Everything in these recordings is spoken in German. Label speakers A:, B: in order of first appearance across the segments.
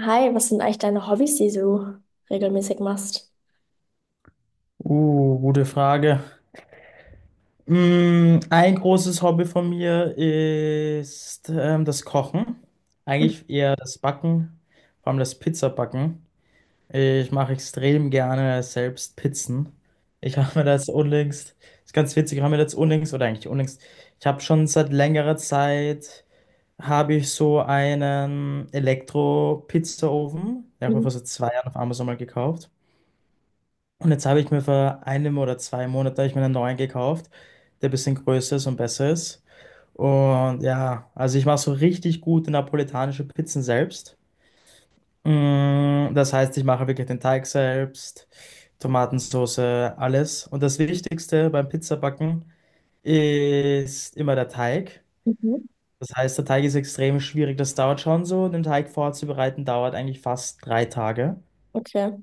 A: Hi, was sind eigentlich deine Hobbys, die du regelmäßig machst?
B: Gute Frage. Ein großes Hobby von mir ist das Kochen. Eigentlich eher das Backen, vor allem das Pizzabacken. Ich mache extrem gerne selbst Pizzen. Ich habe mir das unlängst, ist ganz witzig, ich habe mir das unlängst, oder eigentlich unlängst, ich habe schon seit längerer Zeit, habe ich so einen Elektro-Pizzaofen, den habe ich mir
A: Mhm.
B: vor so 2 Jahren auf Amazon mal gekauft. Und jetzt habe ich mir vor einem oder 2 Monaten habe ich mir einen neuen gekauft, der ein bisschen größer ist und besser ist. Und ja, also ich mache so richtig gute napolitanische Pizzen selbst. Das heißt, ich mache wirklich den Teig selbst, Tomatensauce, alles. Und das Wichtigste beim Pizzabacken ist immer der Teig.
A: Mhm.
B: Das heißt, der Teig ist extrem schwierig. Das dauert schon so. Den Teig vorzubereiten dauert eigentlich fast 3 Tage.
A: Okay.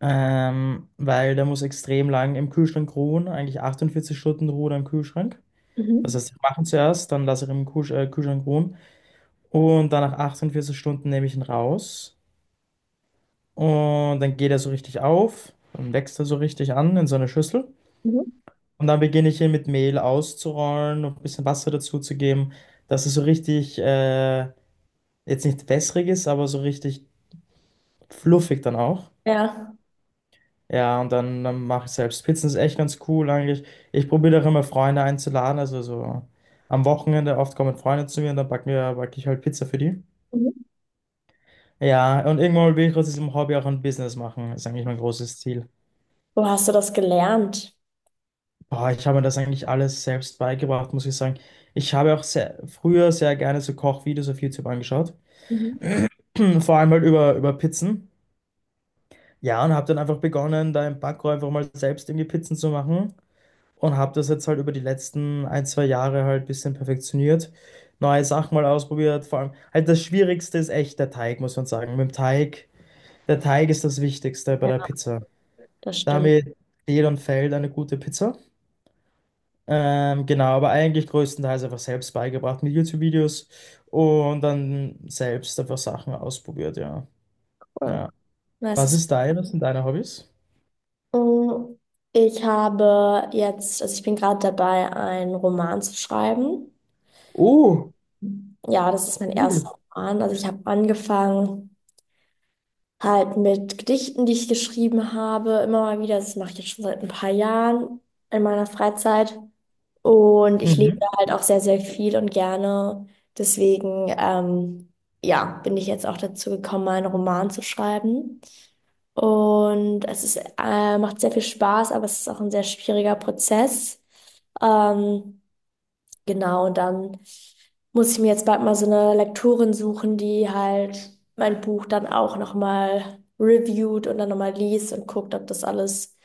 B: Weil der muss extrem lang im Kühlschrank ruhen, eigentlich 48 Stunden Ruhe im Kühlschrank. Das
A: Mhm.
B: heißt, ich mache ihn zuerst, dann lasse ich ihn im Kühlschrank ruhen und dann nach 48 Stunden nehme ich ihn raus und dann geht er so richtig auf, dann wächst er so richtig an in so eine Schüssel
A: Mhm.
B: und dann beginne ich ihn mit Mehl auszurollen und ein bisschen Wasser dazu zu geben, dass es so richtig, jetzt nicht wässrig ist, aber so richtig fluffig dann auch.
A: Ja.
B: Ja, und dann mache ich selbst. Pizzen ist echt ganz cool eigentlich. Ich probiere auch immer Freunde einzuladen. Also so am Wochenende oft kommen Freunde zu mir und dann backe ich halt Pizza für die.
A: Mhm.
B: Ja, und irgendwann will ich aus diesem Hobby auch ein Business machen. Ist eigentlich mein großes Ziel.
A: Wo hast du das gelernt?
B: Boah, ich habe mir das eigentlich alles selbst beigebracht, muss ich sagen. Ich habe auch früher sehr gerne so Kochvideos auf YouTube angeschaut.
A: Mhm.
B: Vor allem halt über Pizzen. Ja, und habe dann einfach begonnen, da im Backrohr einfach mal selbst irgendwie Pizzen zu machen. Und habe das jetzt halt über die letzten ein, zwei Jahre halt ein bisschen perfektioniert. Neue Sachen mal ausprobiert. Vor allem halt das Schwierigste ist echt der Teig, muss man sagen. Mit dem Teig, der Teig ist das Wichtigste bei der
A: Ja,
B: Pizza.
A: das stimmt.
B: Damit steht und fällt eine gute Pizza. Genau, aber eigentlich größtenteils einfach selbst beigebracht mit YouTube-Videos und dann selbst einfach Sachen ausprobiert, ja. Ja.
A: Cool. Nice.
B: Was sind deine Hobbys?
A: Mm, Ich habe jetzt, also ich bin gerade dabei, einen Roman zu schreiben.
B: Oh,
A: Ja, das ist mein erster
B: cool.
A: Roman. Also ich habe angefangen. Halt mit Gedichten, die ich geschrieben habe, immer mal wieder. Das mache ich jetzt schon seit ein paar Jahren in meiner Freizeit. Und ich lese
B: Mhm.
A: halt auch sehr, sehr viel und gerne. Deswegen, ja, bin ich jetzt auch dazu gekommen, meinen Roman zu schreiben. Und es ist, macht sehr viel Spaß, aber es ist auch ein sehr schwieriger Prozess. Ähm, Genau, und dann muss ich mir jetzt bald mal so eine Lektorin suchen, die halt mein Buch dann auch nochmal reviewt und dann nochmal liest und guckt, ob das alles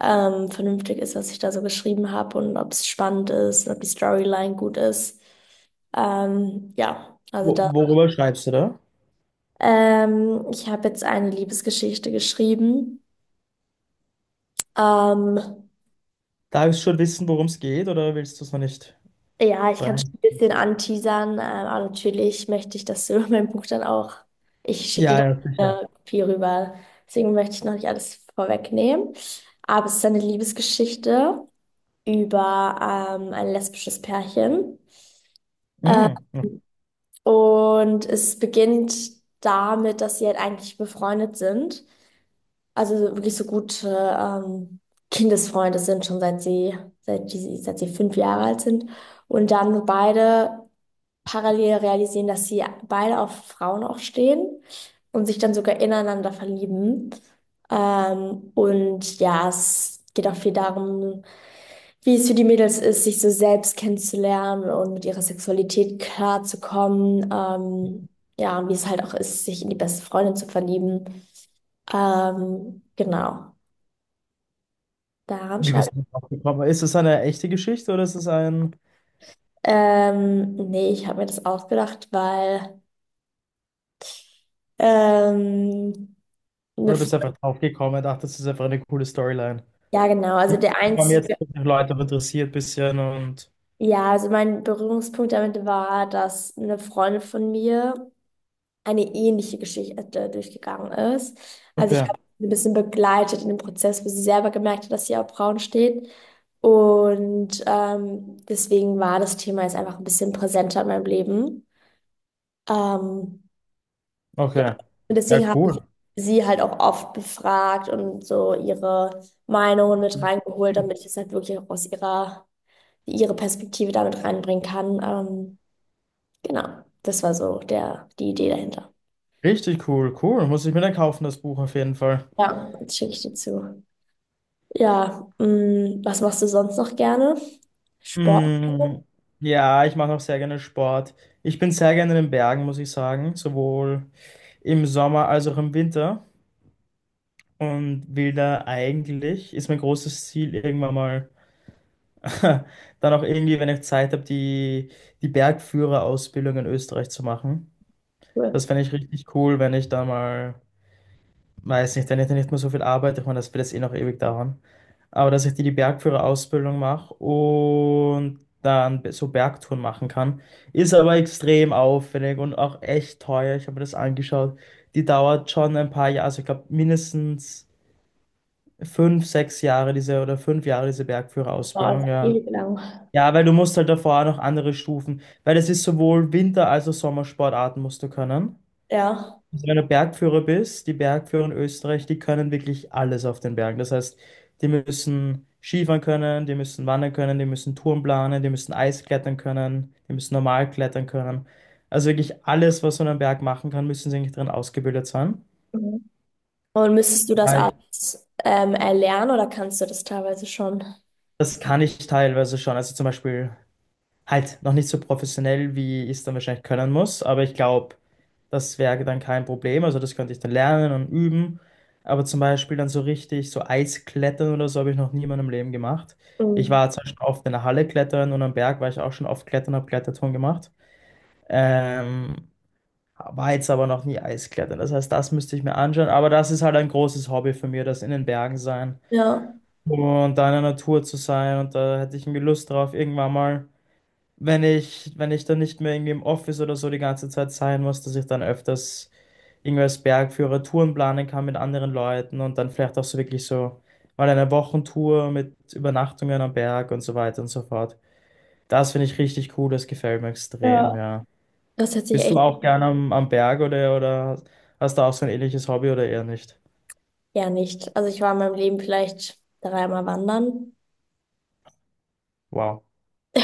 A: vernünftig ist, was ich da so geschrieben habe und ob es spannend ist und ob die Storyline gut ist. Ja, also da.
B: Worüber schreibst du da?
A: Ich habe jetzt eine Liebesgeschichte geschrieben. Ähm,
B: Darf ich schon wissen, worum es geht, oder willst du es noch nicht
A: Ja, ich kann schon
B: breien?
A: ein bisschen anteasern, aber natürlich möchte ich, dass du mein Buch dann auch, ich schicke dir
B: Ja, ja,
A: dann
B: sicher.
A: eine Kopie rüber. Deswegen möchte ich noch nicht alles vorwegnehmen. Aber es ist eine Liebesgeschichte über ein lesbisches Pärchen.
B: Mm.
A: Und es beginnt damit, dass sie halt eigentlich befreundet sind. Also wirklich so gute ähm, Kindesfreunde sind, schon seit sie, seit, die, seit sie 5 Jahre alt sind. Und dann beide parallel realisieren, dass sie beide auf Frauen auch stehen und sich dann sogar ineinander verlieben. Und ja, es geht auch viel darum, wie es für die Mädels ist, sich so selbst kennenzulernen und mit ihrer Sexualität klarzukommen. Ja, und wie es halt auch ist, sich in die beste Freundin zu verlieben. Genau, daran
B: Wie
A: schreibe ich.
B: bist du drauf gekommen? Ist es eine echte Geschichte oder ist es ein.
A: Nee, ich habe mir das ausgedacht, weil ähm, eine
B: Oder
A: Fre-
B: bist du einfach drauf gekommen und dachtest, das ist einfach eine coole Storyline?
A: ja, genau.
B: Die die haben jetzt die Leute auch interessiert ein bisschen und.
A: Ja, also mein Berührungspunkt damit war, dass eine Freundin von mir eine ähnliche Geschichte durchgegangen ist. Also ich
B: Okay,
A: habe sie ein bisschen begleitet in dem Prozess, wo sie selber gemerkt hat, dass sie auf Frauen steht. Und deswegen war das Thema jetzt einfach ein bisschen präsenter in meinem Leben. Ähm, ja,
B: okay.
A: und
B: Ja,
A: deswegen habe ich
B: cool.
A: sie halt auch oft befragt und so ihre Meinungen mit reingeholt, damit ich es halt wirklich auch aus ihre Perspektive damit reinbringen kann. Genau, das war die Idee dahinter.
B: Richtig cool, cool. Muss ich mir dann kaufen, das Buch auf jeden Fall.
A: Ja. Jetzt schicke ich dir zu. Ja, mh, was machst du sonst noch gerne? Sport?
B: Mm, ja, ich mache auch sehr gerne Sport. Ich bin sehr gerne in den Bergen, muss ich sagen. Sowohl im Sommer als auch im Winter. Und will da eigentlich, ist mein großes Ziel, irgendwann mal dann auch irgendwie, wenn ich Zeit habe, die Bergführerausbildung in Österreich zu machen.
A: Cool.
B: Das fände ich richtig cool, wenn ich da mal, weiß nicht, wenn ich da nicht mehr so viel arbeite, ich meine, das wird jetzt eh noch ewig dauern. Aber dass ich die Bergführerausbildung mache und dann so Bergtouren machen kann, ist aber extrem aufwendig und auch echt teuer. Ich habe mir das angeschaut. Die dauert schon ein paar Jahre, also ich glaube mindestens. 5, 6 Jahre diese oder 5 Jahre diese
A: Boah, das
B: Bergführerausbildung,
A: ist
B: ja.
A: ewig lang.
B: Ja, weil du musst halt davor auch noch andere Stufen, weil das ist sowohl Winter- als auch Sommersportarten musst du können.
A: Ja.
B: Also wenn du Bergführer bist, die Bergführer in Österreich, die können wirklich alles auf den Bergen. Das heißt, die müssen Skifahren können, die müssen wandern können, die müssen Touren planen, die müssen Eisklettern können, die müssen normal klettern können. Also wirklich alles, was man am Berg machen kann, müssen sie eigentlich drin ausgebildet sein.
A: Mhm. Und müsstest du das
B: Weil
A: alles erlernen oder kannst du das teilweise schon?
B: das kann ich teilweise schon. Also zum Beispiel halt noch nicht so professionell, wie ich es dann wahrscheinlich können muss, aber ich glaube, das wäre dann kein Problem. Also das könnte ich dann lernen und üben. Aber zum Beispiel dann so richtig, so Eisklettern oder so habe ich noch nie in meinem Leben gemacht. Ich
A: Mhm.
B: war zwar schon oft in der Halle klettern und am Berg war ich auch schon oft klettern, habe Kletterturm gemacht. Ähm, war jetzt aber noch nie Eisklettern. Das heißt, das müsste ich mir anschauen. Aber das ist halt ein großes Hobby von mir, das in den Bergen sein
A: Ja,
B: und da in der Natur zu sein. Und da hätte ich irgendwie Lust drauf, irgendwann mal wenn ich dann nicht mehr irgendwie im Office oder so die ganze Zeit sein muss, dass ich dann öfters irgendwie als Bergführer Touren planen kann mit anderen Leuten und dann vielleicht auch so wirklich so mal eine Wochentour mit Übernachtungen am Berg und so weiter und so fort. Das finde ich richtig cool, das gefällt mir extrem,
A: Ja.
B: ja.
A: Das hätte ich
B: Bist du
A: echt
B: auch gern am Berg oder hast du auch so ein ähnliches Hobby oder eher nicht?
A: gern nicht. Also ich war in meinem Leben vielleicht dreimal wandern.
B: Wow,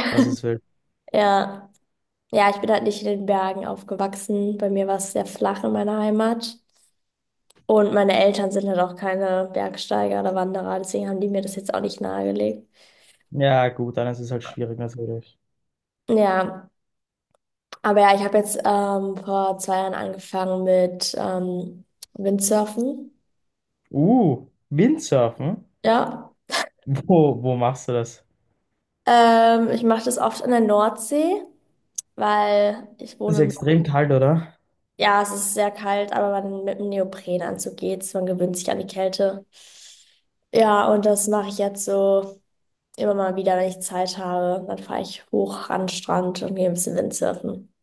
B: das ist wild.
A: Ja. Ja, ich bin halt nicht in den Bergen aufgewachsen. Bei mir war es sehr flach in meiner Heimat. Und meine Eltern sind halt auch keine Bergsteiger oder Wanderer, deswegen haben die mir das jetzt auch nicht nahegelegt.
B: Ja, gut, dann ist es halt schwierig natürlich.
A: Ja, aber ja, ich habe jetzt vor 2 Jahren angefangen mit Windsurfen.
B: Windsurfen?
A: Ja,
B: Wo machst du das?
A: ich mache das oft in der Nordsee, weil ich
B: Das ist
A: wohne
B: ja
A: im Norden.
B: extrem kalt, oder?
A: Ja, es ist sehr kalt, aber man, mit einem Neoprenanzug geht's, man gewöhnt sich an die Kälte. Ja, und das mache ich jetzt so immer mal wieder, wenn ich Zeit habe. Dann fahre ich hoch an den Strand und gehe ein bisschen Windsurfen.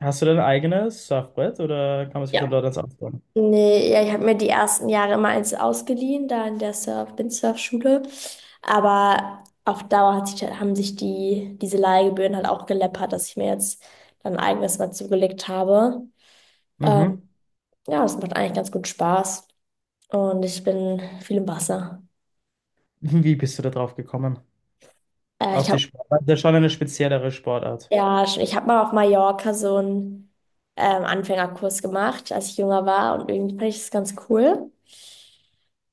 B: Hast du dein eigenes Surfbrett oder kann man sich dann
A: Ja.
B: dort eins ausleihen?
A: Nee, ja, ich habe mir die ersten Jahre immer eins ausgeliehen, da in der Windsurf-Schule. Aber auf Dauer haben sich diese Leihgebühren halt auch geleppert, dass ich mir jetzt dann ein eigenes mal zugelegt habe. Ähm,
B: Mhm.
A: ja, das macht eigentlich ganz gut Spaß. Und ich bin viel im Wasser.
B: Wie bist du da drauf gekommen? Auf
A: Ich
B: die
A: habe
B: Sportart? Das ist schon eine speziellere Sportart.
A: ja, ich habe mal auf Mallorca so einen Anfängerkurs gemacht, als ich jünger war. Und irgendwie fand ich das ganz cool.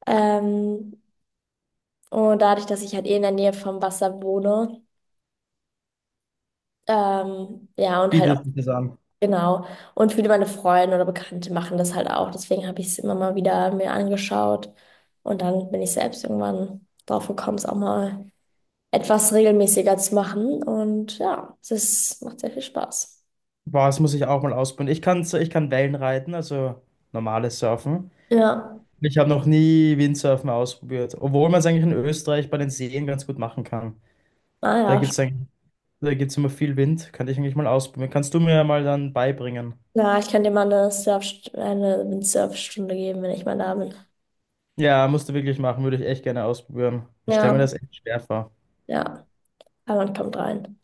A: Ähm, und dadurch, dass ich halt eh in der Nähe vom Wasser wohne, ja, und halt
B: Bietet
A: auch,
B: sich das an.
A: genau. Und viele meine Freunde oder Bekannte machen das halt auch. Deswegen habe ich es immer mal wieder mir angeschaut. Und dann bin ich selbst irgendwann drauf gekommen, es auch mal etwas regelmäßiger zu machen. Und ja, es ist, macht sehr viel Spaß.
B: Boah, das muss ich auch mal ausprobieren. Ich kann, so, ich kann Wellen reiten, also normales Surfen.
A: Ja,
B: Ich habe noch nie Windsurfen ausprobiert, obwohl man es eigentlich in Österreich bei den Seen ganz gut machen kann.
A: ah ja,
B: Da gibt es eigentlich, da gibt's immer viel Wind. Könnte ich eigentlich mal ausprobieren. Kannst du mir mal dann beibringen?
A: ja, ich kann dir mal eine eine Windsurfstunde geben, wenn ich mal da bin.
B: Ja, musst du wirklich machen, würde ich echt gerne ausprobieren. Ich stelle mir
A: Ja,
B: das echt schwer vor.
A: ja, aber man kommt rein.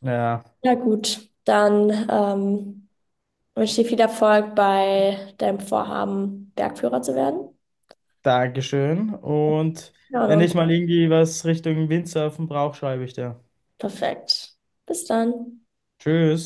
B: Ja,
A: Ja, gut, dann ich wünsche dir viel Erfolg bei deinem Vorhaben, Bergführer zu werden.
B: dankeschön. Und
A: Ja. Und
B: wenn
A: uns
B: ich mal irgendwie was Richtung Windsurfen brauche, schreibe ich dir.
A: perfekt. Bis dann.
B: Tschüss.